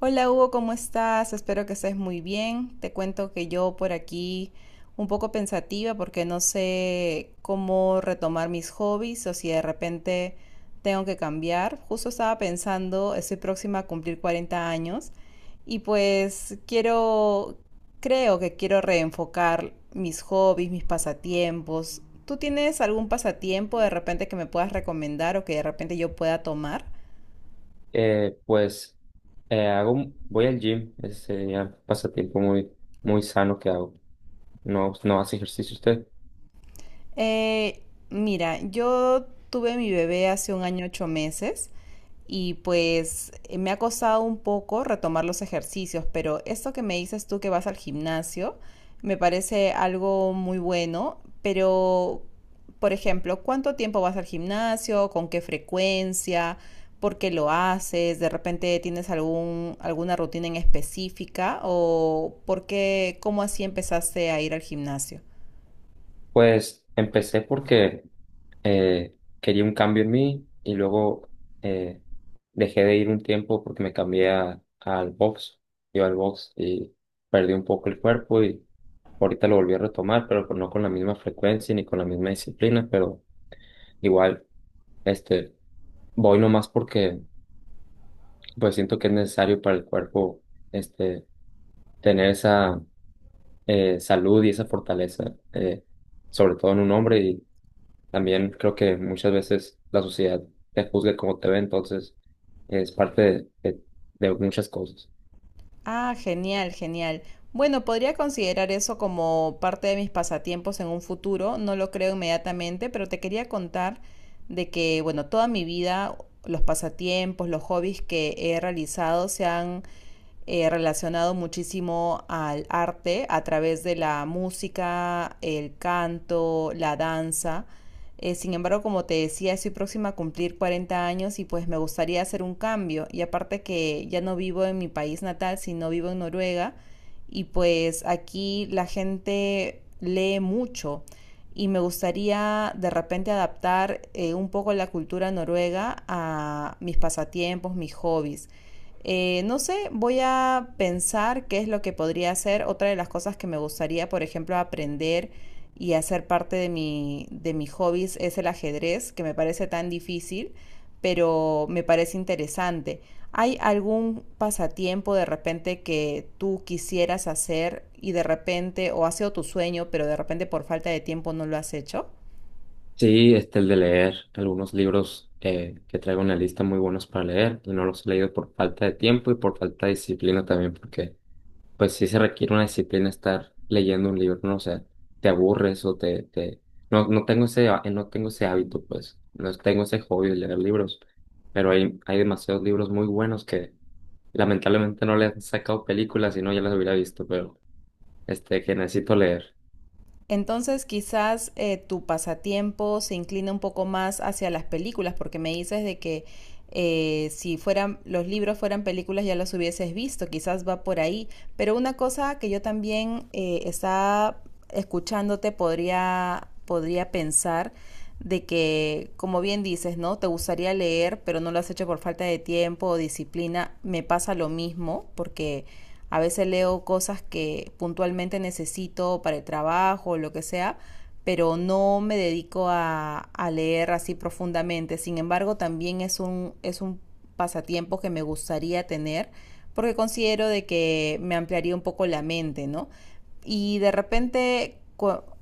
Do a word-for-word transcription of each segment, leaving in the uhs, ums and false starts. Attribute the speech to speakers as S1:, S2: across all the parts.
S1: Hola Hugo, ¿cómo estás? Espero que estés muy bien. Te cuento que yo por aquí un poco pensativa porque no sé cómo retomar mis hobbies o si de repente tengo que cambiar. Justo estaba pensando, estoy próxima a cumplir cuarenta años y pues quiero, creo que quiero reenfocar mis hobbies, mis pasatiempos. ¿Tú tienes algún pasatiempo de repente que me puedas recomendar o que de repente yo pueda tomar?
S2: Eh, pues eh, hago, un- voy al gym, ese ya pasatiempo muy, muy sano que hago. No, no hace ejercicio usted.
S1: Eh, mira, yo tuve mi bebé hace un año ocho meses y pues eh, me ha costado un poco retomar los ejercicios, pero esto que me dices tú que vas al gimnasio me parece algo muy bueno, pero por ejemplo, ¿cuánto tiempo vas al gimnasio? ¿Con qué frecuencia? ¿Por qué lo haces? ¿De repente tienes algún, alguna rutina en específica? ¿O por qué, cómo así empezaste a ir al gimnasio?
S2: Pues empecé porque eh, quería un cambio en mí y luego eh, dejé de ir un tiempo porque me cambié a- al box. Yo al box y perdí un poco el cuerpo y ahorita lo volví a retomar, pero pues no con la misma frecuencia ni con la misma disciplina, pero igual, este, voy nomás porque pues siento que es necesario para el cuerpo este, tener esa eh, salud y esa fortaleza, eh, sobre todo en un hombre y también creo que muchas veces la sociedad te juzga como te ve, entonces es parte de, de- de muchas cosas.
S1: Ah, genial, genial. Bueno, podría considerar eso como parte de mis pasatiempos en un futuro, no lo creo inmediatamente, pero te quería contar de que, bueno, toda mi vida los pasatiempos, los hobbies que he realizado se han eh, relacionado muchísimo al arte a través de la música, el canto, la danza. Eh, sin embargo, como te decía, estoy próxima a cumplir cuarenta años y pues me gustaría hacer un cambio. Y aparte que ya no vivo en mi país natal, sino vivo en Noruega. Y pues aquí la gente lee mucho y me gustaría de repente adaptar eh, un poco la cultura noruega a mis pasatiempos, mis hobbies. Eh, no sé, voy a pensar qué es lo que podría hacer. Otra de las cosas que me gustaría, por ejemplo, aprender y hacer parte de mi, de mis hobbies es el ajedrez, que me parece tan difícil, pero me parece interesante. ¿Hay algún pasatiempo de repente que tú quisieras hacer y de repente, o ha sido tu sueño, pero de repente por falta de tiempo no lo has hecho?
S2: Sí, este, el de leer algunos libros eh, que traigo en la lista muy buenos para leer y no los he leído por falta de tiempo y por falta de disciplina también porque pues sí se requiere una disciplina estar leyendo un libro, no sé, te aburres o te, te... No, no tengo ese, há- no tengo ese hábito, pues, no tengo ese hobby de leer libros, pero hay, hay demasiados libros muy buenos que lamentablemente no le han sacado películas y no ya las hubiera visto, pero este, que necesito leer.
S1: Entonces, quizás eh, tu pasatiempo se inclina un poco más hacia las películas, porque me dices de que eh, si fueran los libros fueran películas ya los hubieses visto, quizás va por ahí. Pero una cosa que yo también eh, estaba escuchándote podría, podría pensar de que, como bien dices, ¿no? Te gustaría leer, pero no lo has hecho por falta de tiempo o disciplina. Me pasa lo mismo, porque a veces leo cosas que puntualmente necesito para el trabajo o lo que sea, pero no me dedico a, a leer así profundamente. Sin embargo, también es un, es un pasatiempo que me gustaría tener porque considero de que me ampliaría un poco la mente, ¿no? Y de repente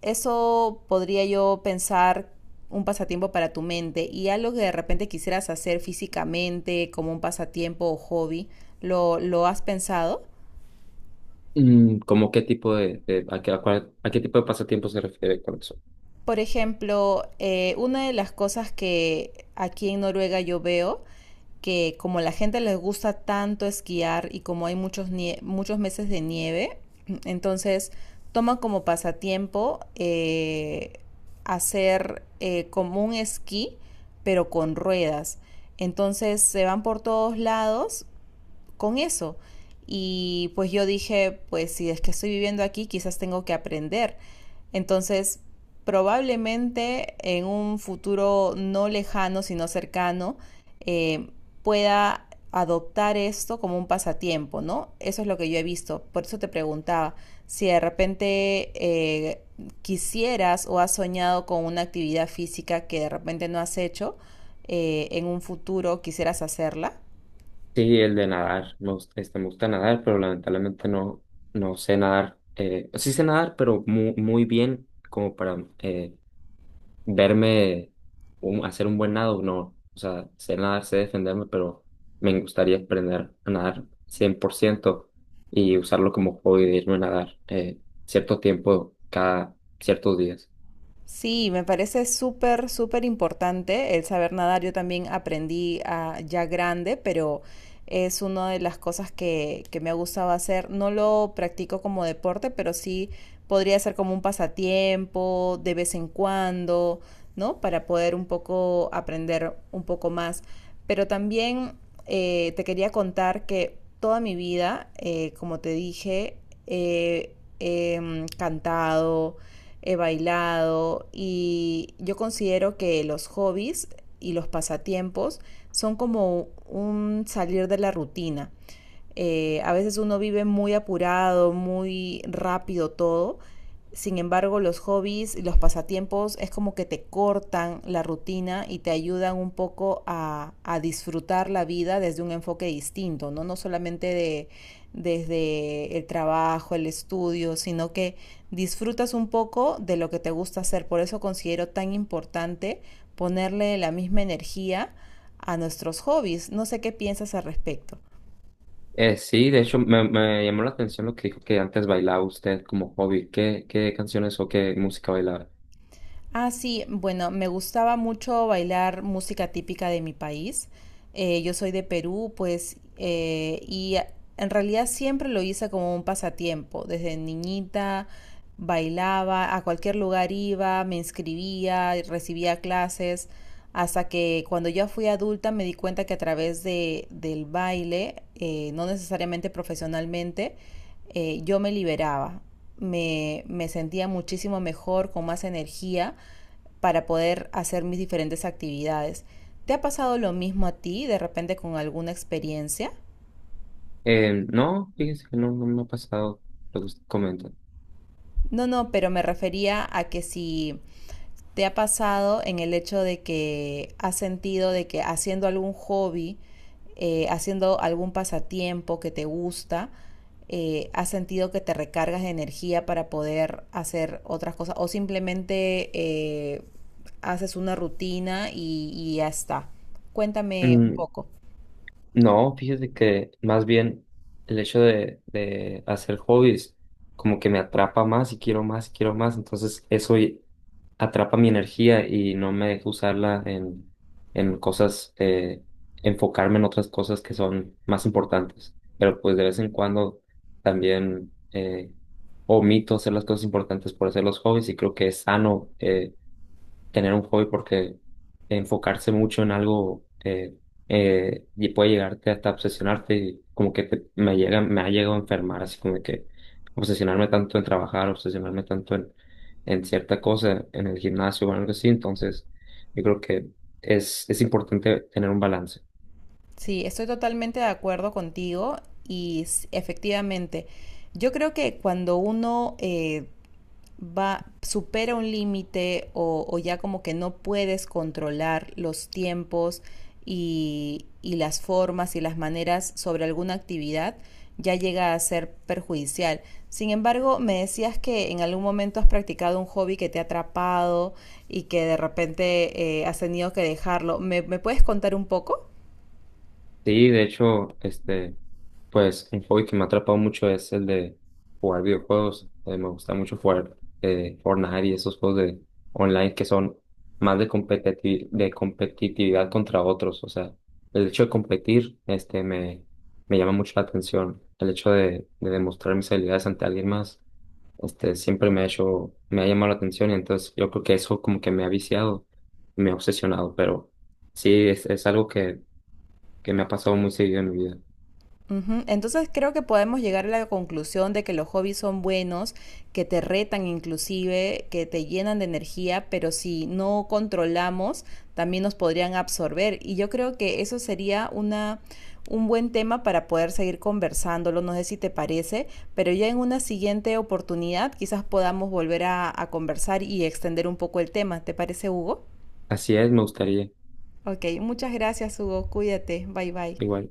S1: eso podría yo pensar un pasatiempo para tu mente y algo que de repente quisieras hacer físicamente como un pasatiempo o hobby, ¿lo, lo has pensado?
S2: Mm, ¿cómo qué tipo de, de- a qué, a cuál- a qué tipo de pasatiempo se refiere con eso?
S1: Por ejemplo, eh, una de las cosas que aquí en Noruega yo veo, que como la gente les gusta tanto esquiar y como hay muchos, nie- muchos meses de nieve, entonces toman como pasatiempo eh, hacer eh, como un esquí, pero con ruedas. Entonces se van por todos lados con eso. Y pues yo dije, pues si es que estoy viviendo aquí, quizás tengo que aprender. Entonces, probablemente en un futuro no lejano, sino cercano, eh, pueda adoptar esto como un pasatiempo, ¿no? Eso es lo que yo he visto. Por eso te preguntaba si de repente eh, quisieras o has soñado con una actividad física que de repente no has hecho, eh, en un futuro quisieras hacerla.
S2: Sí, el de nadar. Me gusta, este, me gusta nadar, pero lamentablemente no, no sé nadar. Eh, sí sé nadar, pero muy, muy bien como para eh, verme un- hacer un buen nado. No, o sea, sé nadar, sé defenderme, pero me gustaría aprender a nadar cien por ciento y usarlo como hobby de irme a nadar eh, cierto tiempo cada ciertos días.
S1: Sí, me parece súper, súper importante el saber nadar. Yo también aprendí ah, ya grande, pero es una de las cosas que, que me ha gustado hacer. No lo practico como deporte, pero sí podría ser como un pasatiempo de vez en cuando, ¿no? Para poder un poco aprender un poco más. Pero también eh, te quería contar que toda mi vida, eh, como te dije, he he, mm, cantado, he bailado y yo considero que los hobbies y los pasatiempos son como un salir de la rutina. Eh, a veces uno vive muy apurado, muy rápido todo. Sin embargo, los hobbies y los pasatiempos es como que te cortan la rutina y te ayudan un poco a, a disfrutar la vida desde un enfoque distinto, ¿no? No solamente de, desde el trabajo, el estudio, sino que disfrutas un poco de lo que te gusta hacer. Por eso considero tan importante ponerle la misma energía a nuestros hobbies. No sé qué piensas al respecto.
S2: Eh, sí, de hecho me, me llamó la atención lo que dijo que antes bailaba usted como hobby. ¿Qué, qué canciones o qué música bailaba?
S1: Ah, sí, bueno, me gustaba mucho bailar música típica de mi país. Eh, yo soy de Perú, pues, eh, y a- en realidad siempre lo hice como un pasatiempo. Desde niñita bailaba, a cualquier lugar iba, me inscribía, recibía clases, hasta que cuando ya fui adulta me di cuenta que a través de, del baile, eh, no necesariamente profesionalmente, eh, yo me liberaba. Me, me sentía muchísimo mejor, con más energía para poder hacer mis diferentes actividades. ¿Te ha pasado lo mismo a ti de repente con alguna experiencia?
S2: Eh, no, fíjese que no, no me ha pasado lo que usted comenta.
S1: No, no, pero me refería a que si te ha pasado en el hecho de que has sentido de que haciendo algún hobby, eh, haciendo algún pasatiempo que te gusta, eh, has sentido que te recargas de energía para poder hacer otras cosas o simplemente eh, haces una rutina y, y ya está. Cuéntame un
S2: Mm,
S1: poco.
S2: no, fíjese que más bien el hecho de, de hacer hobbies como que me atrapa más y quiero más y quiero más, entonces eso y- atrapa mi energía y no me deja usarla en, en cosas, eh, enfocarme en otras cosas que son más importantes, pero pues de vez en cuando también eh, omito hacer las cosas importantes por hacer los hobbies y creo que es sano. Eh, tener un hobby porque enfocarse mucho en algo eh, eh, y puede llegarte hasta obsesionarte y como que te- me llega, me ha llegado a enfermar, así como que obsesionarme tanto en trabajar, obsesionarme tanto en, en cierta cosa, en el gimnasio o algo así, entonces yo creo que es, es importante tener un balance.
S1: Sí, estoy totalmente de acuerdo contigo y s- efectivamente, yo creo que cuando uno eh, va, supera un límite o, o ya como que no puedes controlar los tiempos y, y las formas y las maneras sobre alguna actividad, ya llega a ser perjudicial. Sin embargo, me decías que en algún momento has practicado un hobby que te ha atrapado y que de repente eh, has tenido que dejarlo. ¿Me, me puedes contar un poco?
S2: Sí, de hecho, este, pues un hobby que me ha atrapado mucho es el de jugar videojuegos. Eh, me gusta mucho jugar eh, Fortnite y esos juegos de online que son más de competiti- de competitividad contra otros. O sea, el hecho de competir, este, me, me llama mucho la atención. El hecho de, de demostrar mis habilidades ante alguien más, este, siempre me ha hecho, me ha llamado la atención. Y entonces yo creo que eso como que me ha viciado, me ha obsesionado, pero sí, es, es algo que que me ha pasado muy seguido en mi vida.
S1: Ujú. Entonces creo que podemos llegar a la conclusión de que los hobbies son buenos, que te retan inclusive, que te llenan de energía, pero si no controlamos, también nos podrían absorber. Y yo creo que eso sería una, un buen tema para poder seguir conversándolo, no sé si te parece, pero ya en una siguiente oportunidad quizás podamos volver a, a conversar y extender un poco el tema. ¿Te parece, Hugo?
S2: Así es, me gustaría,
S1: Ok, muchas gracias, Hugo. Cuídate. Bye bye.
S2: igual.